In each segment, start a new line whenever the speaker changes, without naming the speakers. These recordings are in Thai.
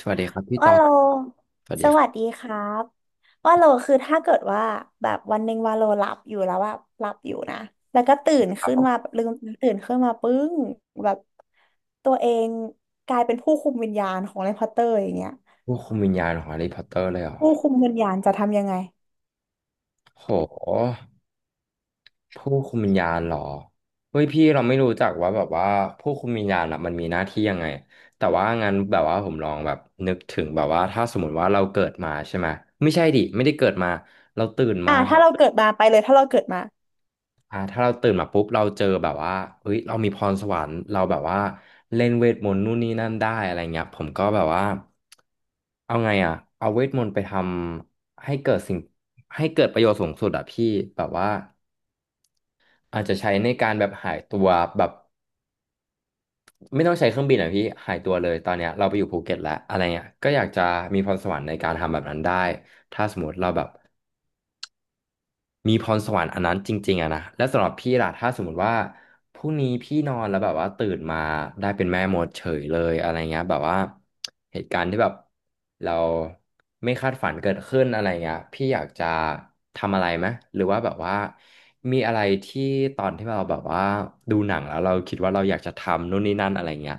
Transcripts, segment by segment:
สวัสดีครับพี่ต
ว่า
อ
โล
บสวัส
ส
ดีครั
วั
บ
สดีครับว่าโลคือถ้าเกิดว่าแบบวันหนึ่งว่าโลหลับอยู่แล้วแบบหลับอยู่นะแล้วก็ตื่น
ครับ
ขึ้น
ผ
มา
ม
แบบลืมตื่นขึ้นมาปึ้งแบบตัวเองกลายเป็นผู้คุมวิญญาณของแฮร์รี่พอตเตอร์อย่างเงี้ย
ผู้คุมวิญญาณของแฮร์รี่พอตเตอร์เลยเหรอ
ผู้คุมวิญญาณจะทำยังไง
โหผู้คุมวิญญาณเหรอเฮ้ยพี่เราไม่รู้จักว่าแบบว่าผู้คุมวิญญาณอะมันมีหน้าที่ยังไง แต่ว่างั้นแบบว่าผมลองแบบนึกถึงแบบว่าถ้าสมมติว่าเราเกิดมาใช่ไหมไม่ใช่ดิไม่ได้เกิดมา เราตื่น
อ่ะ
มา
ถ้าเราเกิดมาไปเลยถ้าเราเกิดมา
ถ้าเราตื่นมาปุ๊บเราเจอแบบว่าเฮ้ยเรามีพรสวรรค์เราแบบว่าเล่นเวทมนต์นู่นนี่นั่นได้อะไรเงี้ยผมก็แบบว่าเอาไงอ่ะเอาเวทมนต์ไปทำให้เกิดสิ่งให้เกิดประโยชน์สูงสุดอ่ะพี่แบบว่าอาจจะใช้ในการแบบหายตัวแบบไม่ต้องใช้เครื่องบินอ่ะพี่หายตัวเลยตอนเนี้ยเราไปอยู่ภูเก็ตแล้วอะไรเงี้ยก็อยากจะมีพรสวรรค์ในการทำแบบนั้นได้ถ้าสมมติเราแบบ มีพรสวรรค์อันนั้นจริงๆอะนะและสำหรับพี่ล่ะถ้าสมมติว่าพรุ่งนี้พี่นอนแล้วแบบว่าตื่นมาได้เป็นแม่มดเฉยเลยอะไรเงี้ยแบบว่าเหตุการณ์ที่แบบเราไม่คาดฝันเกิดขึ้นอะไรเงี้ยพี่อยากจะทำอะไรไหมหรือว่าแบบว่ามีอะไรที่ตอนที่เราแบบว่าดูหนังแล้วเราคิดว่าเราอยากจะทำนู่นนี่นั่นอะไรเงี้ย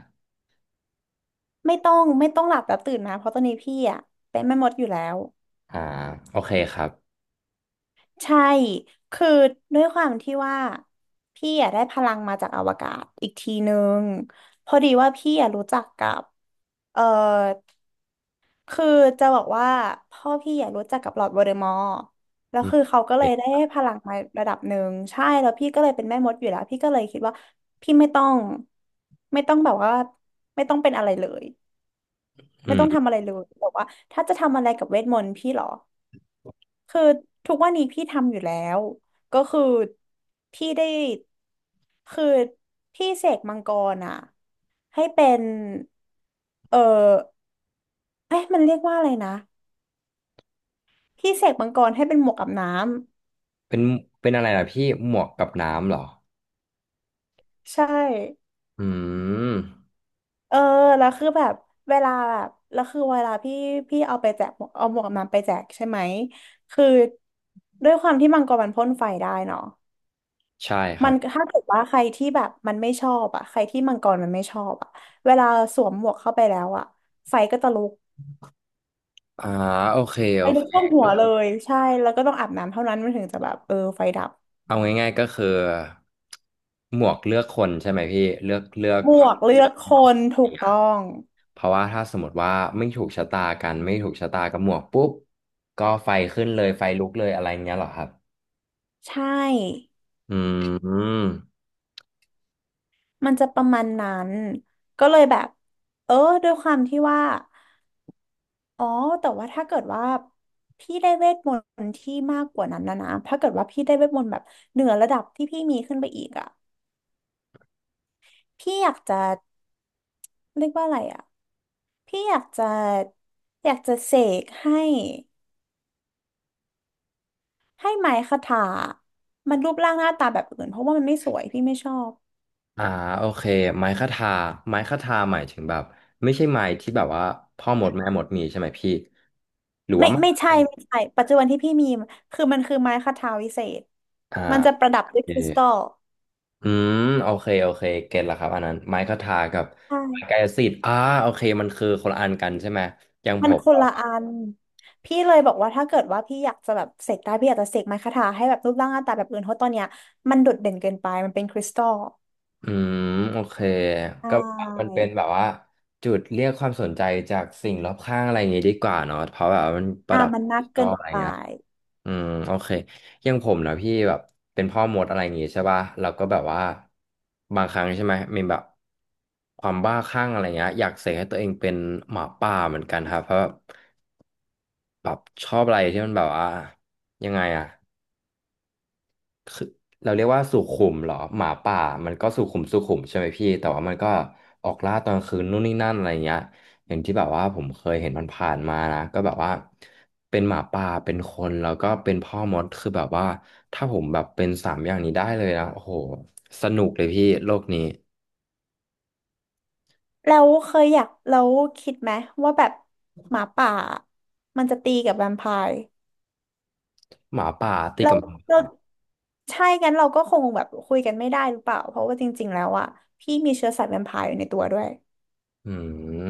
ไม่ต้องหลับแล้วตื่นนะเพราะตอนนี้พี่อ่ะเป็นแม่มดอยู่แล้ว
อ่าโอเคครับ
ใช่ คือด้วยความที่ว่าพี่อะได้พลังมาจากอวกาศอีกทีนึงพอดีว่าพี่อะรู้จักกับเออคือจะบอกว่าพ่อพี่อะรู้จักกับลอร์ดโวลเดอมอร์แล้ว
อืม
คือเขาก็เล
เป็
ย
น
ได้ให้พลังมาระดับหนึ่งใช่แล้วพี่ก็เลยเป็นแม่มดอยู่แล้ว พี่ก็เลยคิดว่าพี่ไม่ต้องแบบว่าไม่ต้องเป็นอะไรเลย
อื
ไม่ต้อง
ม
ทำอะไรเลยบอกว่าถ้าจะทำอะไรกับเวทมนต์พี่เหรอ คือทุกวันนี้พี่ทำอยู่แล้วก็คือพี่ได้คือพี่เสกมังกรอ่ะให้เป็นเออเอ๊ะมันเรียกว่าอะไรนะพี่เสกมังกรให้เป็นหมวกกับน้
เป็นเป็นอะไรล่ะพี่หมวกกับน้ำเหรอ
ำใช่
อืม
เออแล้วคือแบบเวลาแบบแล้วคือเวลาพี่พี่เอาไปแจกหมวกเอาหมวกกับน้ำไปแจกใช่ไหมคือด้วยความที่มังกรมันพ่นไฟได้เนาะ
ใช่ค
มั
รั
น
บ
ถ้าเกิดว่าใครที่แบบมันไม่ชอบอ่ะใครที่มังกรมันไม่ชอบอ่ะเวลาสวมหมวกเข้าไปแล้วอ่ะไฟก็จะลุก
อ่าโอเค
ไฟ
โอ
ลุ
เค
กท่วมหัวเลยใช่แล้วก็ต้องอาบน้ำเท่านั้นมันถึงจะแบบเออไฟดับ
เอาง่ายๆก็คือหมวกเลือกคนใช่ไหมพี่เลือกเลือก
หม
เพราะ
วกเลือกคน
อ
ถู
ย่าง
ก
เงี้ย
ต้อง
เพราะว่าถ้าสมมติว่าไม่ถูกชะตากันไม่ถูกชะตากับหมวกปุ๊บก็ไฟขึ้นเลยไฟลุกเลยอะไรเงี้ยเหรอครับ
ใช่
อืม
มันจะประมาณนั้นก็เลยแบบเออด้วยความที่ว่าอ๋อแต่ว่าถ้าเกิดว่าพี่ได้เวทมนต์ที่มากกว่านั้นนะนะถ้าเกิดว่าพี่ได้เวทมนต์แบบเหนือระดับที่พี่มีขึ้นไปอีกอ่ะพี่อยากจะเรียกว่าอะไรอ่ะ พี่อยากจะเสกให้ให้ไม้คทามันรูปร่างหน้าตาแบบอื่นเพราะว่ามันไม่สวยพี่ไม่ชอบ
อ่าโอเคไม้คทาไม้คทาหมายถึงแบบไม่ใช่ไม้ที่แบบว่าพ่อหมดแม่หมดมีใช่ไหมพี่หรือ
ไม่
ว่า
ไม่ใช่
ไม้
ไม่ใช่ปัจจุบันที่พี่มีคือมันคือไม้คทาวิเศษ
อ่า
มันจะประดับ
โอ
ด้วย
เค
คริสตัล
อืมโอเคโอเคเก็ตละครับอันนั้นไม้คทากับไม้
ใช่
กายสิทธิ์โอเคมันคือคนละอันกันใช่ไหมอย่าง
มั
ผ
น
ม
คน
อ
ละ
ค
อันพี่เลยบอกว่าถ้าเกิดว่าพี่อยากจะแบบเสกได้พี่อยากจะเสกไม้คทาให้แบบรูปร่างหน้าตาแบบอื่นเพราะตอนเนี้ยมันโดดเด่นเกินไปมันเป็นคริสตัล
อืมโอเค
ใช
ก็มัน
่
เป็นแบบว่าจุดเรียกความสนใจจากสิ่งรอบข้างอะไรอย่างงี้ดีกว่าเนาะเพราะแบบว่ามันป
อ่า
ระดับ
มัน
ดิ
นั
จิ
ก
ตอ
เกิ
ล
น
อะไร
ไป
เงี้ยอืมโอเคอย่างผมนะพี่แบบเป็นพ่อมดอะไรอย่างงี้ใช่ป่ะเราก็แบบว่าบางครั้งใช่ไหมมีแบบความบ้าคลั่งอะไรเงี้ยอยากเสกให้ตัวเองเป็นหมาป่าเหมือนกันครับเพราะแบบ แบบชอบอะไรที่มันแบบว่ายังไงอะเราเรียกว่าสุขุมเหรอหมาป่ามันก็สุขุมใช่ไหมพี่แต่ว่ามันก็ออกล่าตอนกลางคืนนู่นนี่นั่นอะไรเงี้ยอย่างที่แบบว่าผมเคยเห็นมันผ่านๆมานะก็แบบว่าเป็นหมาป่าเป็นคนแล้วก็เป็นพ่อมดคือแบบว่าถ้าผมแบบเป็นสามอย่างนี้ได้เลยนะโอ้โหสนุกเลยพี่โลกนี้
แล้วเคยอยากแล้วคิดไหมว่าแบบหมาป่ามันจะตีกับแวมไพร์
หมาป่าติด
เรา
กับหมา
เรา
ป่า
ใช่กันเราก็คงแบบคุยกันไม่ได้หรือเปล่าเพราะว่าจริงๆแล้วอ่ะพี่มีเชื้อสายแวมไพร์อยู่ในตัวด้วย
อืม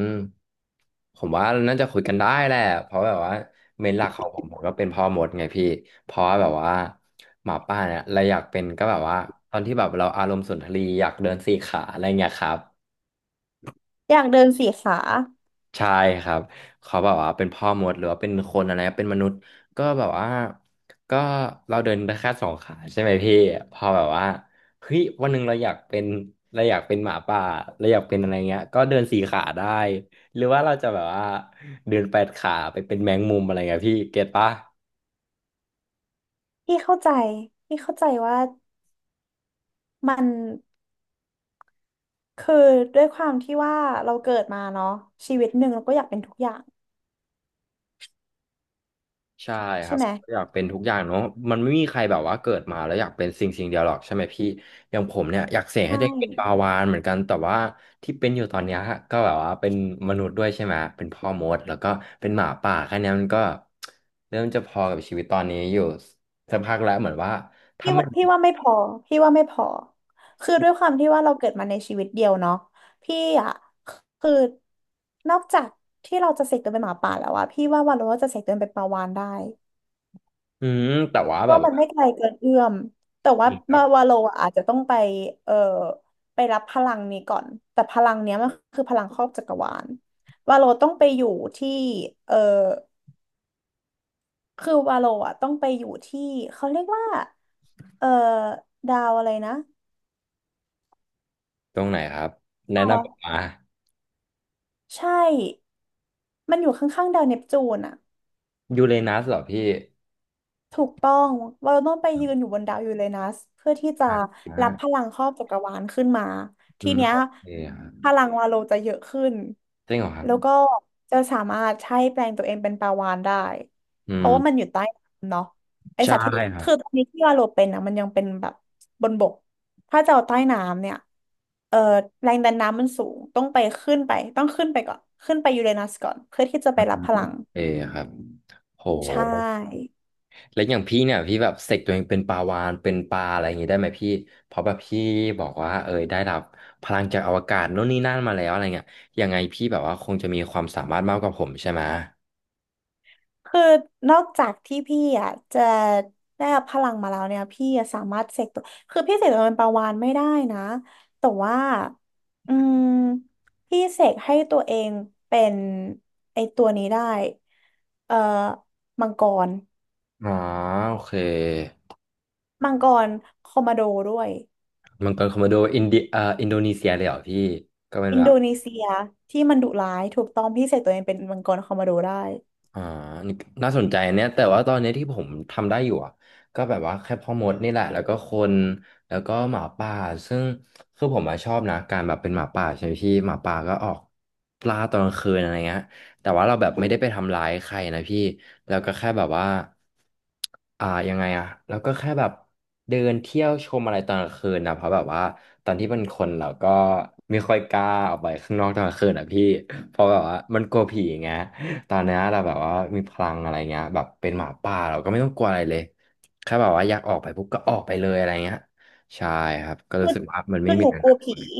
ผมว่าน่าจะคุยกันได้แหละเพราะแบบว่าเมนหลักของผมก็เป็นพ่อมดไงพี่ เพราะว่าแบบว่าหมาป่าเนี่ยเราอยากเป็นก็แบบว่าตอนที่แบบเราอารมณ์สุนทรีย์อยากเดินสี่ขาอะไรเงี้ยครับ
อยากเดินสี่ขา
ใช่ครับเขาแบบว่าเป็นพ่อมดหรือว่าเป็นคนอะไรเป็นมนุษย์ก็แบบว่าก็เราเดินได้แค่สองขาใช่ไหมพี่พอแบบว่าเฮ้ยวันหนึ่งเราอยากเป็นหมาป่าเราอยากเป็นอะไรเงี้ยก็เดินสี่ขาได้หรือว่าเราจะแบบว่าเดินแปดขาไปเป็นแมงมุมอะไรเงี้ยพี่เก็ตปะ
พี่เข้าใจพี่เข้าใจว่ามันคือด้วยความที่ว่าเราเกิดมาเนาะชีวิตหนึ่งเราก็อยากเป็นทุกอย่าง
ใช่ค
ใช่
รับ
ไหม
อยากเป็นทุกอย่างเนาะมันไม่มีใครแบบว่าเกิดมาแล้วอยากเป็นสิ่งเดียวหรอกใช่ไหมพี่อย่างผมเนี่ยอยากเสกให้
ใช่
ตัวเองเป็นปลาวาฬเหมือนกันแต่ว่าที่เป็นอยู่ตอนเนี้ยก็แบบว่าเป็นมนุษย์ด้วยใช่ไหมเป็นพ่อมดแล้วก็เป็นหมาป่าแค่เนี้ยมันก็เริ่มจะพอกับชีวิตตอนนี้อยู่สักพักแล้วเหมือนว่าถ้า
พี่
ไม่
ว่าพี่ว่าไม่พอพี่ว่าไม่พอคือด้วยความที่ว่าเราเกิดมาในชีวิตเดียวเนาะพี่อ่ะคือนอกจากที่เราจะเสกตัวเป็นหมาป่าแล้วอะพี่ว่าวาโลจะเสกตัวเป็นปลาวาฬได้
อืมแต่ว่า
เพ
แบ
ราะ
บ
ว่า
ว่า
มันไม่ไกลเกินเอื้อมแต่ว่า
พี่ครั
มา
บ
วาโลอะอาจจะต้องไปเอ่อไปรับพลังนี้ก่อนแต่พลังเนี้ยมันคือพลังครอบจักรวาลวาโลต้องไปอยู่ที่เอ่อคือวาโลอะต้องไปอยู่ที่เขาเรียกว่าเอ่อดาวอะไรนะ
ตรงไหนครับแนะนำมา
ใช่ มันอยู่ข้างๆดาวเนปจูนอะ
ยูเรนัสเหรอพี่
ถูกต้องเราต้องไป
อื
ยืนอยู่
ม
บนดาวยูเรนัสเพื่อที่จะรับพ
อ่า
ลังครอบจักรวาลขึ้นมา
อื
ที
ม
เนี้ย
โอเคครับ
พลังวาโลจะเยอะขึ้น
จริงเหรอครับ
แล้วก็จะสามารถใช้แปลงตัวเองเป็นปลาวาฬได้
อื
เพ
ม
ราะว่ามันอยู่ใต้น้ำเนาะไอ
ใช่
สัตว์ที่
ครั
คือ
บ
ตอนนี้ที่วาโลเป็นนะมันยังเป็นแบบบนบกถ้าจะเอาใต้น้ำเนี่ยเอ่อแรงดันน้ำมันสูงต้องไปขึ้นไปต้องขึ้นไปก่อนขึ้นไปยูเรนัสก่อนเพื่อที่จะไปรับพลัง
เออครับโห
ใช่
แล้วอย่างพี่เนี่ยพี่แบบเสกตัวเองเป็นปลาวาฬเป็นปลาอะไรอย่างงี้ได้ไหมพี่เพราะแบบพี่บอกว่าเออได้รับพลังจากอวกาศโน่นนี่นั่นมาแล้วอะไรเงี้ยยังไงพี่แบบว่าคงจะมีความสามารถมากกว่าผมใช่ไหม
คือนอกจากที่พี่อ่ะจะได้รับพลังมาแล้วเนี่ยพี่อะสามารถเสกตัวคือพี่เสกตัวเป็นปลาวาฬไม่ได้นะแต่ว่าอืมพี่เสกให้ตัวเองเป็นไอตัวนี้ได้เอ่อมังกร
อ๋อโอเค
มังกรคอมมาโดด้วย
มังกรคอมโมโดอินเดียอินโดนีเซียเลยเหรอพี่ก็เป็น
อิน
แบ
โด
บ
นีเซียที่มันดุร้ายถูกต้องพี่เสกตัวเองเป็นมังกรคอมมาโดได้
อ่านี่น่าสนใจเนี่ยแต่ว่าตอนนี้ที่ผมทำได้อยู่อะก็แบบว่าแค่พ่อมดนี่แหละ แล้วก็คนแล้วก็หมาป่าซึ่งคือผมอะชอบนะการแบบเป็นหมาป่าใช่ไหมพี่หมาป่าก็ออกปลาตอนกลางคืนอะไรเงี้ยแต่ว่าเราแบบไม่ได้ไปทำร้ายใครนะพี่ แล้วก็แค่แบบว่าอ่ายังไงอะแล้วก็แค่แบบเดินเที่ยวชมอะไรตอนกลางคืนนะเพราะแบบว่าตอนที่เป็นคนเราก็ไม่ค่อยกล้าออกไปข้างนอกตอนกลางคืนอะพี่เพราะแบบว่ามันกลัวผีไง ตอนเนี้ยเราแบบว่ามีพลังอะไรเงี้ยแบบเป็นหมาป่าเราก็ไม่ต้องกลัวอะไรเลยแค่แบบว่าอยากออกไปปุ๊บก็ออกไปเลยอะไรเงี้ยใช่ครับก็
คื
รู้
อ
สึกว่ามันไม่
คือ
มี
หนู
อะไร
กลั
น่า
ว
กลั
ผี
วเลย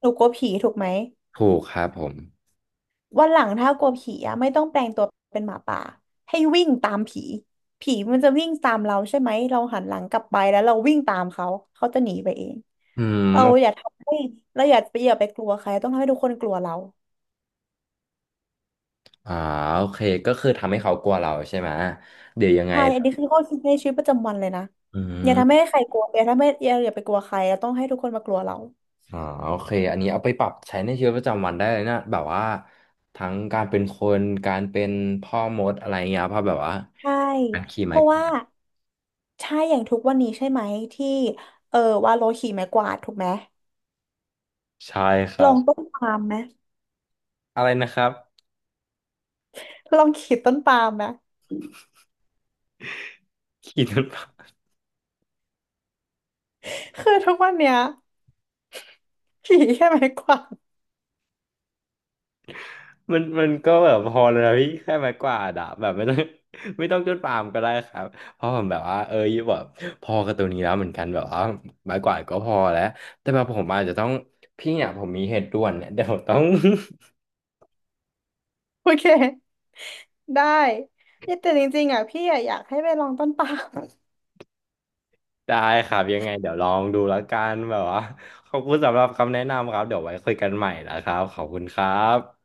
หนูกลัวผีถูกไหม
ถูกครับผม
วันหลังถ้ากลัวผีอะไม่ต้องแปลงตัวเป็นหมาป่าให้วิ่งตามผีผีมันจะวิ่งตามเราใช่ไหมเราหันหลังกลับไปแล้วเราวิ่งตามเขาเขาจะหนีไปเอง
อื
เรา
ม
อย่าทำให้เราอย่าไปกลัวใครต้องทำให้ทุกคนกลัวเรา
อ่าโอเคก็คือทำให้เขากลัวเราใช่ไหมเดี๋ยวยังไง
ใช่อั
แบ
น
บ
นี้คือข้อคิดในชีวิตประจำวันเลยนะ
อื
อย่าทำให้
ม
ใครกลัวอย่าทำให้อย่าไปกลัวใครเราต้องให้ทุกคนมากลัวเรา
อ่าโอเคอันนี้เอาไปปรับใช้ในชีวิตประจำวันได้เลยนะแบบว่าทั้งการเป็นคนการเป็นพ่อมดอะไรเงี้ยเพราะแบบว่า
ใช่
การขี่
เพ
ไม้
ราะว่าใช่อย่างทุกวันนี้ใช่ไหมที่เออว่าโลขี่ไม้กวาดถูกไหม
ใช่ค
ล
รั
อ
บ
งต้นปาล์มไหม
อะไรนะครับ
ลองขีดต้นปาล์มไหม
ขี่รถ
คือทุกวันเนี้ยผีแค่ไม้กวาด
มันมันก็แบบพอเลยนะพี่แค่ไม้กวาดอะแบบไม่ต้อง ไม่ต้องจนปามก็ได้ครับเพราะผมแบบว่าเออแบบพอกับตัวนี้แล้วเหมือนกันแบบว่าไม้กวาดก็พอแล้วแต่แบบผมอาจจะต้องพี่เนี่ยผมมีเหตุด่วนเนี่ยเดี๋ยวผมต้อง
โอเคได้เนี่ยแต่จริงๆอ่ะพี่อะอยากให้ไปลองต้นปาล์ม
ได้ครับยังไงเดี๋ยวลองดูแล้วกันแบบว่าขอบคุณสำหรับคำแนะนำครับเดี๋ยวไว้คุยกันใหม่นะครับขอบคุณครับ